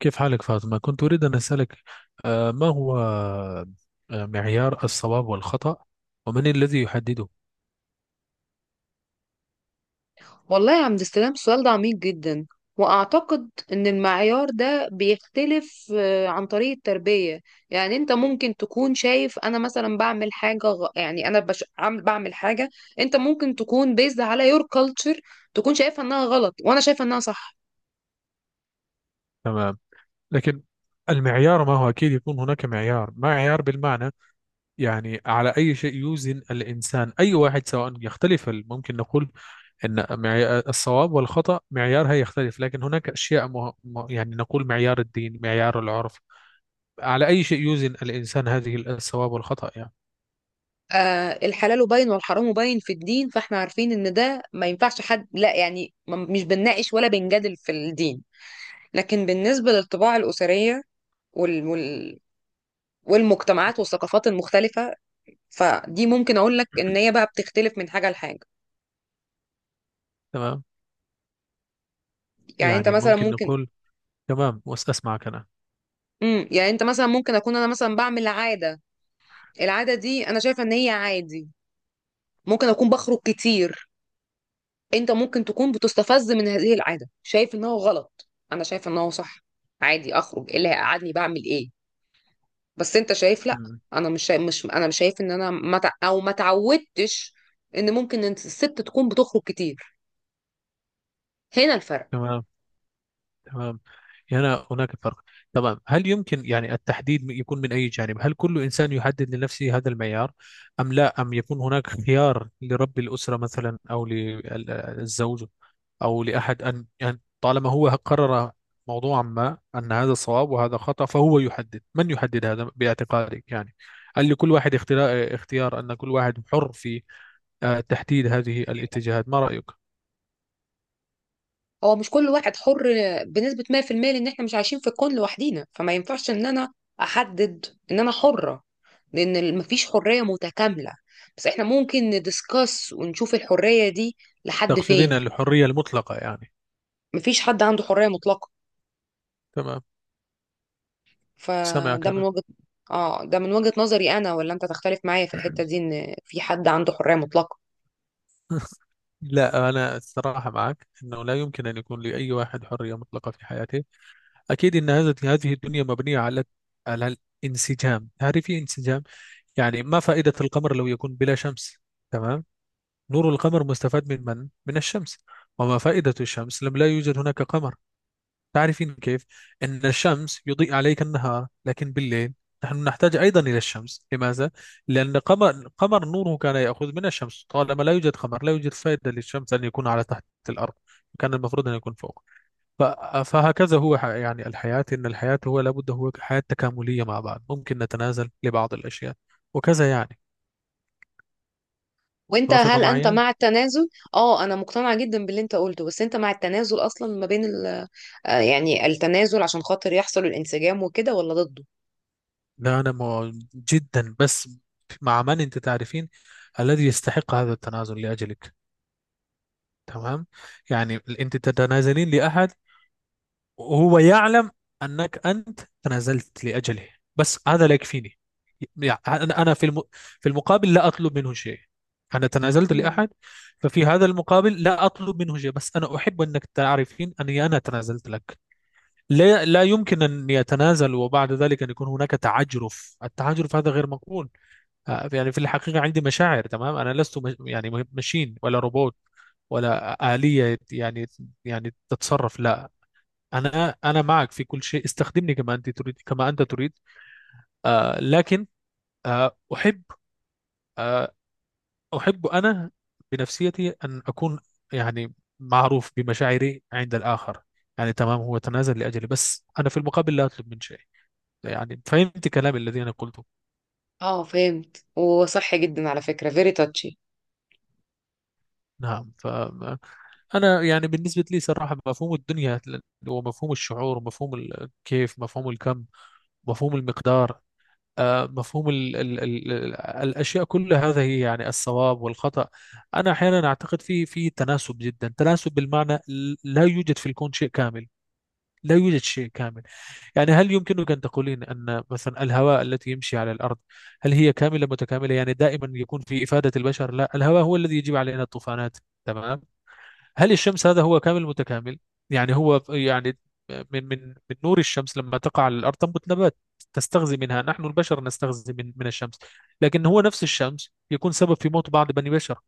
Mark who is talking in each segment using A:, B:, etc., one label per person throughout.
A: كيف حالك فاطمة؟ كنت أريد أن أسألك، ما هو، معيار الصواب والخطأ؟ ومن الذي يحدده؟
B: والله يا عبد السلام، السؤال ده عميق جدا. وأعتقد إن المعيار ده بيختلف عن طريق التربية. يعني أنت ممكن تكون شايف أنا مثلا بعمل حاجة بعمل حاجة. أنت ممكن تكون بيزد على يور كلتشر، تكون شايفها إنها غلط وأنا شايفة إنها صح.
A: تمام. لكن المعيار ما هو؟ أكيد يكون هناك معيار بالمعنى، يعني على أي شيء يوزن الإنسان، أي واحد سواء يختلف، ممكن نقول أن الصواب والخطأ معيارها يختلف، لكن هناك أشياء يعني نقول معيار الدين، معيار العرف، على أي شيء يوزن الإنسان هذه الصواب والخطأ يعني.
B: آه، الحلال باين والحرام باين في الدين، فإحنا عارفين إن ده ما ينفعش. حد لا يعني مش بنناقش ولا بنجادل في الدين، لكن بالنسبة للطباع الأسرية وال... وال... والمجتمعات والثقافات المختلفة، فدي ممكن اقول لك ان هي بقى بتختلف من حاجه لحاجه.
A: تمام.
B: يعني انت
A: يعني
B: مثلا
A: ممكن
B: ممكن
A: نقول تمام، أسمعك أنا.
B: يعني انت مثلا ممكن اكون انا مثلا بعمل عاده. العاده دي انا شايفه ان هي عادي، ممكن اكون بخرج كتير. انت ممكن تكون بتستفز من هذه العاده، شايف ان هو غلط انا شايفه ان هو صح. عادي اخرج، ايه اللي هيقعدني؟ بعمل ايه؟ بس انت شايف لا.
A: مم.
B: انا مش شايف ان انا ما تع- او ما تعودتش ان ممكن إن الست تكون بتخرج كتير. هنا الفرق.
A: تمام، تمام. هنا هناك فرق. تمام، هل يمكن يعني التحديد يكون من أي جانب؟ هل كل إنسان يحدد لنفسه هذا المعيار؟ أم لا؟ أم يكون هناك خيار لرب الأسرة مثلا أو للزوج أو لأحد أن طالما هو قرر موضوعا ما أن هذا صواب وهذا خطأ، فهو يحدد؟ من يحدد هذا باعتقادك يعني؟ هل لكل واحد اختيار أن كل واحد حر في تحديد هذه الاتجاهات؟ ما رأيك؟
B: هو مش كل واحد حر بنسبة 100%، لان احنا مش عايشين في الكون لوحدينا، فما ينفعش ان انا احدد ان انا حرة، لان مفيش حرية متكاملة. بس احنا ممكن ندسكس ونشوف الحرية دي لحد
A: تقصدين
B: فين.
A: الحرية المطلقة يعني؟
B: مفيش حد عنده حرية مطلقة.
A: تمام، سامعك
B: فده من
A: أنا.
B: وجهة اه، ده من وجهة نظري انا. ولا انت تختلف معايا في الحتة دي ان في حد عنده حرية مطلقة؟
A: لا، أنا الصراحة معك أنه لا يمكن أن يكون لأي واحد حرية مطلقة في حياته. أكيد أن هذه الدنيا مبنية على الانسجام، تعرفي، انسجام. يعني ما فائدة القمر لو يكون بلا شمس؟ تمام. نور القمر مستفاد من الشمس، وما فائدة الشمس لم لا يوجد هناك قمر؟ تعرفين كيف؟ أن الشمس يضيء عليك النهار، لكن بالليل نحن نحتاج أيضا إلى الشمس. لماذا؟ لأن قمر نوره كان يأخذ من الشمس. طالما لا يوجد قمر، لا يوجد فائدة للشمس أن يكون على تحت الأرض، كان المفروض أن يكون فوق. ف- فهكذا هو يعني الحياة، إن الحياة هو لابد هو حياة تكاملية مع بعض، ممكن نتنازل لبعض الأشياء وكذا يعني.
B: وانت
A: توافق
B: هل انت
A: معي؟
B: مع التنازل؟ اه، انا مقتنعه جدا باللي انت قلته، بس انت مع التنازل اصلا ما بين آه، يعني التنازل عشان خاطر يحصل الانسجام وكده، ولا ضده؟
A: لا، أنا جدا، بس مع من أنت تعرفين الذي يستحق هذا التنازل لأجلك. تمام، يعني أنت تتنازلين لأحد وهو يعلم أنك أنت تنازلت لأجله، بس هذا لا يكفيني. يعني أنا، في المقابل لا أطلب منه شيء. أنا تنازلت
B: مم.
A: لأحد، ففي هذا المقابل لا أطلب منه شيء، بس أنا أحب أنك تعرفين أني أنا تنازلت لك. لا، لا يمكن أن يتنازل وبعد ذلك أن يكون هناك تعجرف. التعجرف هذا غير مقبول. يعني في الحقيقة عندي مشاعر. تمام، أنا لست، مش يعني، ماشين ولا روبوت ولا آلية، يعني، تتصرف. لا، أنا معك في كل شيء. استخدمني كما أنت تريد، كما أنت تريد. لكن، آه أحب آه أحب أنا بنفسيتي أن أكون، يعني، معروف بمشاعري عند الآخر. يعني تمام، هو تنازل لأجلي، بس أنا في المقابل لا أطلب من شيء. يعني فهمت كلامي الذي أنا قلته؟
B: اه، فهمت وصح جدا على فكره، فيري تاتشي.
A: نعم. انا يعني بالنسبه لي صراحه مفهوم الدنيا ومفهوم الشعور ومفهوم كيف، مفهوم الكم، مفهوم المقدار، مفهوم ال ال ال ال الاشياء، كل هذا هي يعني الصواب والخطا. انا احيانا اعتقد في تناسب، جدا تناسب بالمعنى، لا يوجد في الكون شيء كامل، لا يوجد شيء كامل. يعني هل يمكنك أن تقولين أن مثلا الهواء التي يمشي على الأرض هل هي كاملة متكاملة؟ يعني دائما يكون في إفادة البشر؟ لا، الهواء هو الذي يجيب علينا الطوفانات. تمام. هل الشمس هذا هو كامل متكامل؟ يعني هو يعني، من نور الشمس لما تقع على الارض تنبت نبات، تستغذي منها، نحن البشر نستغذي من الشمس، لكن هو نفس الشمس يكون سبب في موت بعض بني بشر.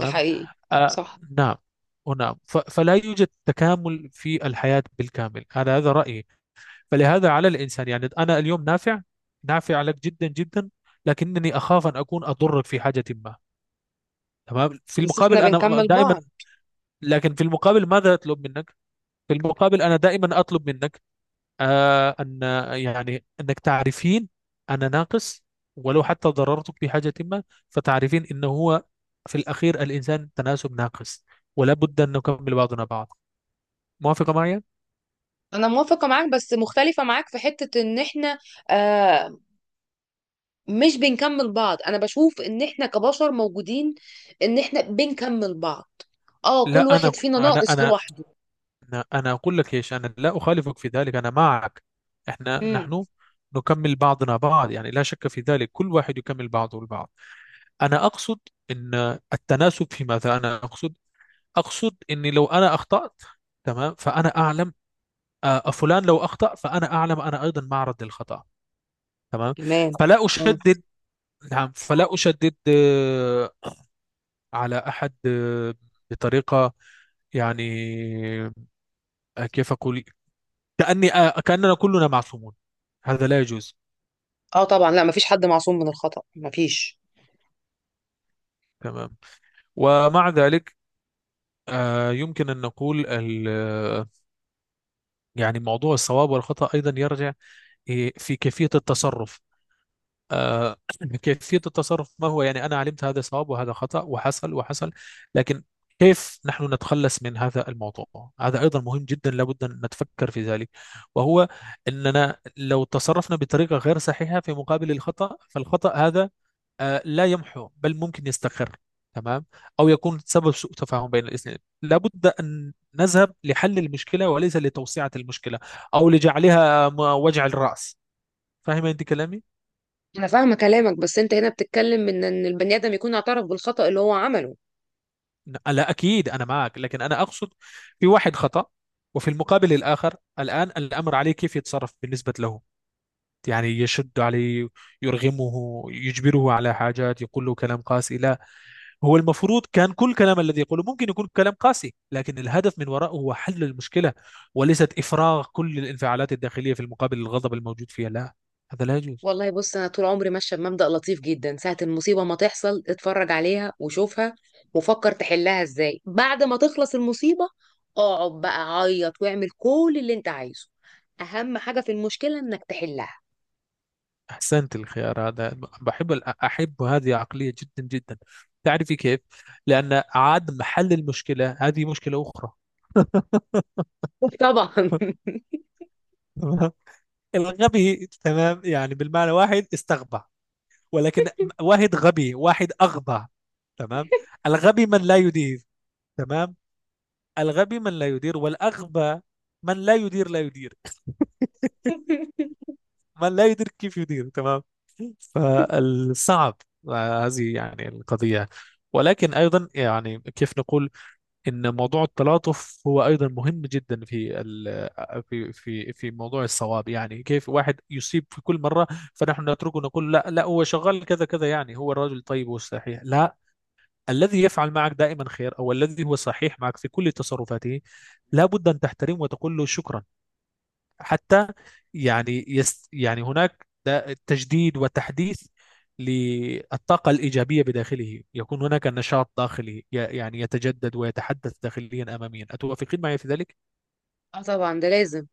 B: ده حقيقي.
A: آه،
B: صح.
A: نعم. ونعم، فلا يوجد تكامل في الحياة بالكامل. هذا رأيي. فلهذا على الإنسان، يعني أنا اليوم نافع، نافع لك جدا جدا، لكنني أخاف أن أكون أضرك في حاجة ما. تمام، في
B: بس احنا
A: المقابل أنا
B: بنكمل
A: دائما،
B: بعض.
A: لكن في المقابل ماذا أطلب منك؟ في المقابل أنا دائما أطلب منك أن، يعني أنك تعرفين أنا ناقص، ولو حتى ضررتك بحاجة ما، فتعرفين أنه هو في الأخير الإنسان تناسب ناقص، ولا بد أن نكمل بعضنا بعض. موافقة معي؟
B: انا موافقه معاك، بس مختلفه معاك في حته ان احنا آه، مش بنكمل بعض. انا بشوف ان احنا كبشر موجودين ان احنا بنكمل بعض، اه.
A: لا،
B: كل واحد
A: أنا
B: فينا
A: أنا
B: ناقص
A: أنا
B: لوحده.
A: أنا أنا أقول لك إيش، أنا لا أخالفك في ذلك، أنا معك.
B: امم.
A: نحن نكمل بعضنا بعض، يعني لا شك في ذلك، كل واحد يكمل بعضه البعض. أنا أقصد، أن التناسب في ماذا أنا أقصد؟ اقصد اني لو انا اخطات، تمام، فانا اعلم. فلان لو اخطا، فانا اعلم انا ايضا معرض للخطا. تمام.
B: تمام.
A: فلا
B: اه.
A: اشدد. نعم، فلا اشدد على احد بطريقه، يعني، كيف اقول، كاني آه، كاننا كلنا معصومون. هذا لا يجوز.
B: اه طبعا، لا مفيش حد معصوم من الخطأ، مفيش.
A: تمام. ومع ذلك يمكن أن نقول يعني موضوع الصواب والخطأ أيضا يرجع، في كيفية التصرف. آه، كيفية التصرف ما هو؟ يعني أنا علمت هذا صواب وهذا خطأ، وحصل وحصل، لكن كيف نحن نتخلص من هذا الموضوع؟ هذا أيضا مهم جدا، لابد أن نتفكر في ذلك. وهو أننا لو تصرفنا بطريقة غير صحيحة في مقابل الخطأ، فالخطأ هذا لا يمحو بل ممكن يستقر. تمام. أو يكون سبب سوء تفاهم بين الاثنين. لابد أن نذهب لحل المشكلة وليس لتوسعة المشكلة أو لجعلها وجع الرأس. فاهمة أنت كلامي؟
B: انا فاهمه كلامك، بس انت هنا بتتكلم من ان البني ادم يكون اعترف بالخطأ اللي هو عمله.
A: لا، أكيد أنا معك، لكن أنا أقصد، في واحد خطأ، وفي المقابل الآخر، الآن الأمر عليه كيف يتصرف بالنسبة له. يعني يشد عليه، يرغمه، يجبره على حاجات، يقول له كلام قاسي؟ لا. هو المفروض كان كل كلام الذي يقوله ممكن يكون كلام قاسي، لكن الهدف من وراءه هو حل المشكلة، وليست إفراغ كل الانفعالات الداخلية في المقابل، الغضب الموجود فيها. لا، هذا لا يجوز.
B: والله بص، انا طول عمري ماشيه بمبدأ لطيف جدا. ساعه المصيبه ما تحصل، اتفرج عليها وشوفها وفكر تحلها ازاي. بعد ما تخلص المصيبه، اقعد بقى عيط واعمل كل اللي انت عايزه. اهم حاجه في المشكله انك تحلها.
A: أحسنت الخيار هذا. أحب هذه عقلية جدا جدا. تعرفي كيف؟ لأن عدم حل المشكلة هذه مشكلة أخرى.
B: طبعا.
A: تمام؟ الغبي، تمام، يعني بالمعنى واحد استغبى، ولكن واحد غبي واحد أغبى. تمام. الغبي من لا يدير. تمام. الغبي من لا يدير، والأغبى من لا يدير لا يدير. من لا يدير كيف يدير؟ تمام. فالصعب، هذه يعني القضية. ولكن أيضا يعني كيف نقول إن موضوع التلاطف هو أيضا مهم جدا، في ال في في في موضوع الصواب. يعني كيف واحد يصيب في كل مرة؟ فنحن نتركه، نقول لا لا هو شغال كذا كذا، يعني هو الرجل طيب والصحيح. لا، الذي يفعل معك دائما خير، أو الذي هو صحيح معك في كل تصرفاته، لا بد أن تحترمه وتقول له شكرا. حتى يعني، يعني هناك ده تجديد وتحديث للطاقة الإيجابية بداخله، يكون هناك نشاط داخلي، يعني يتجدد ويتحدث داخليا أماميا. أتوافقين معي في ذلك؟
B: اه طبعا، ده لازم.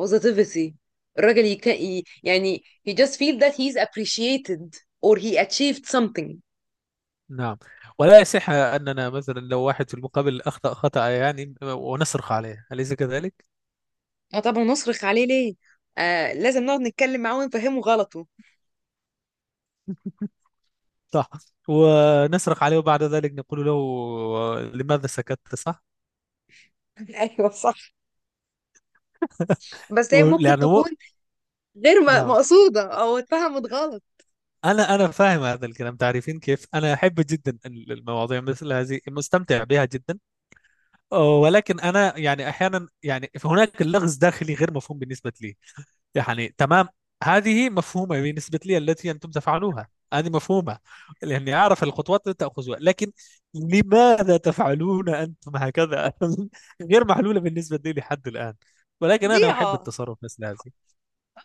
B: positivity. يعني he just feel that he's appreciated or he achieved something.
A: نعم. ولا يصح أننا مثلا لو واحد في المقابل أخطأ خطأ، يعني، ونصرخ عليه، أليس كذلك؟
B: اه طبعا، نصرخ عليه ليه؟ آه، لازم نقعد نتكلم معاه ونفهمه غلطه.
A: صح. ونصرخ عليه وبعد ذلك نقول له لماذا سكت، صح؟
B: ايوه صح. بس هي ممكن
A: لأنه.
B: تكون غير
A: نعم.
B: مقصودة او اتفهمت غلط.
A: انا فاهم هذا الكلام. تعرفين كيف؟ انا احب جدا المواضيع مثل هذه، مستمتع بها جدا. ولكن انا، يعني، احيانا، يعني هناك اللغز داخلي غير مفهوم بالنسبه لي، يعني. تمام، هذه مفهومه بالنسبه لي التي انتم تفعلونها، هذه مفهومه، لاني اعرف الخطوات التي تاخذها، لكن لماذا تفعلون انتم هكذا غير محلوله بالنسبه لي لحد الان. ولكن انا احب
B: طبيعة.
A: التصرف مثل هذه.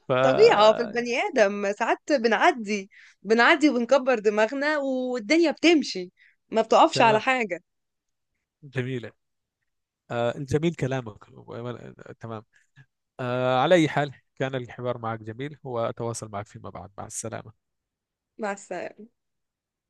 A: ف
B: طبيعة في البني آدم، ساعات بنعدي. بنعدي وبنكبر دماغنا، والدنيا بتمشي، ما بتقفش على
A: تمام،
B: حاجة.
A: جميله. جميل كلامك. تمام. على أي حال، كان الحوار معك جميل، وأتواصل معك فيما بعد. مع السلامة.
B: مع السلامة.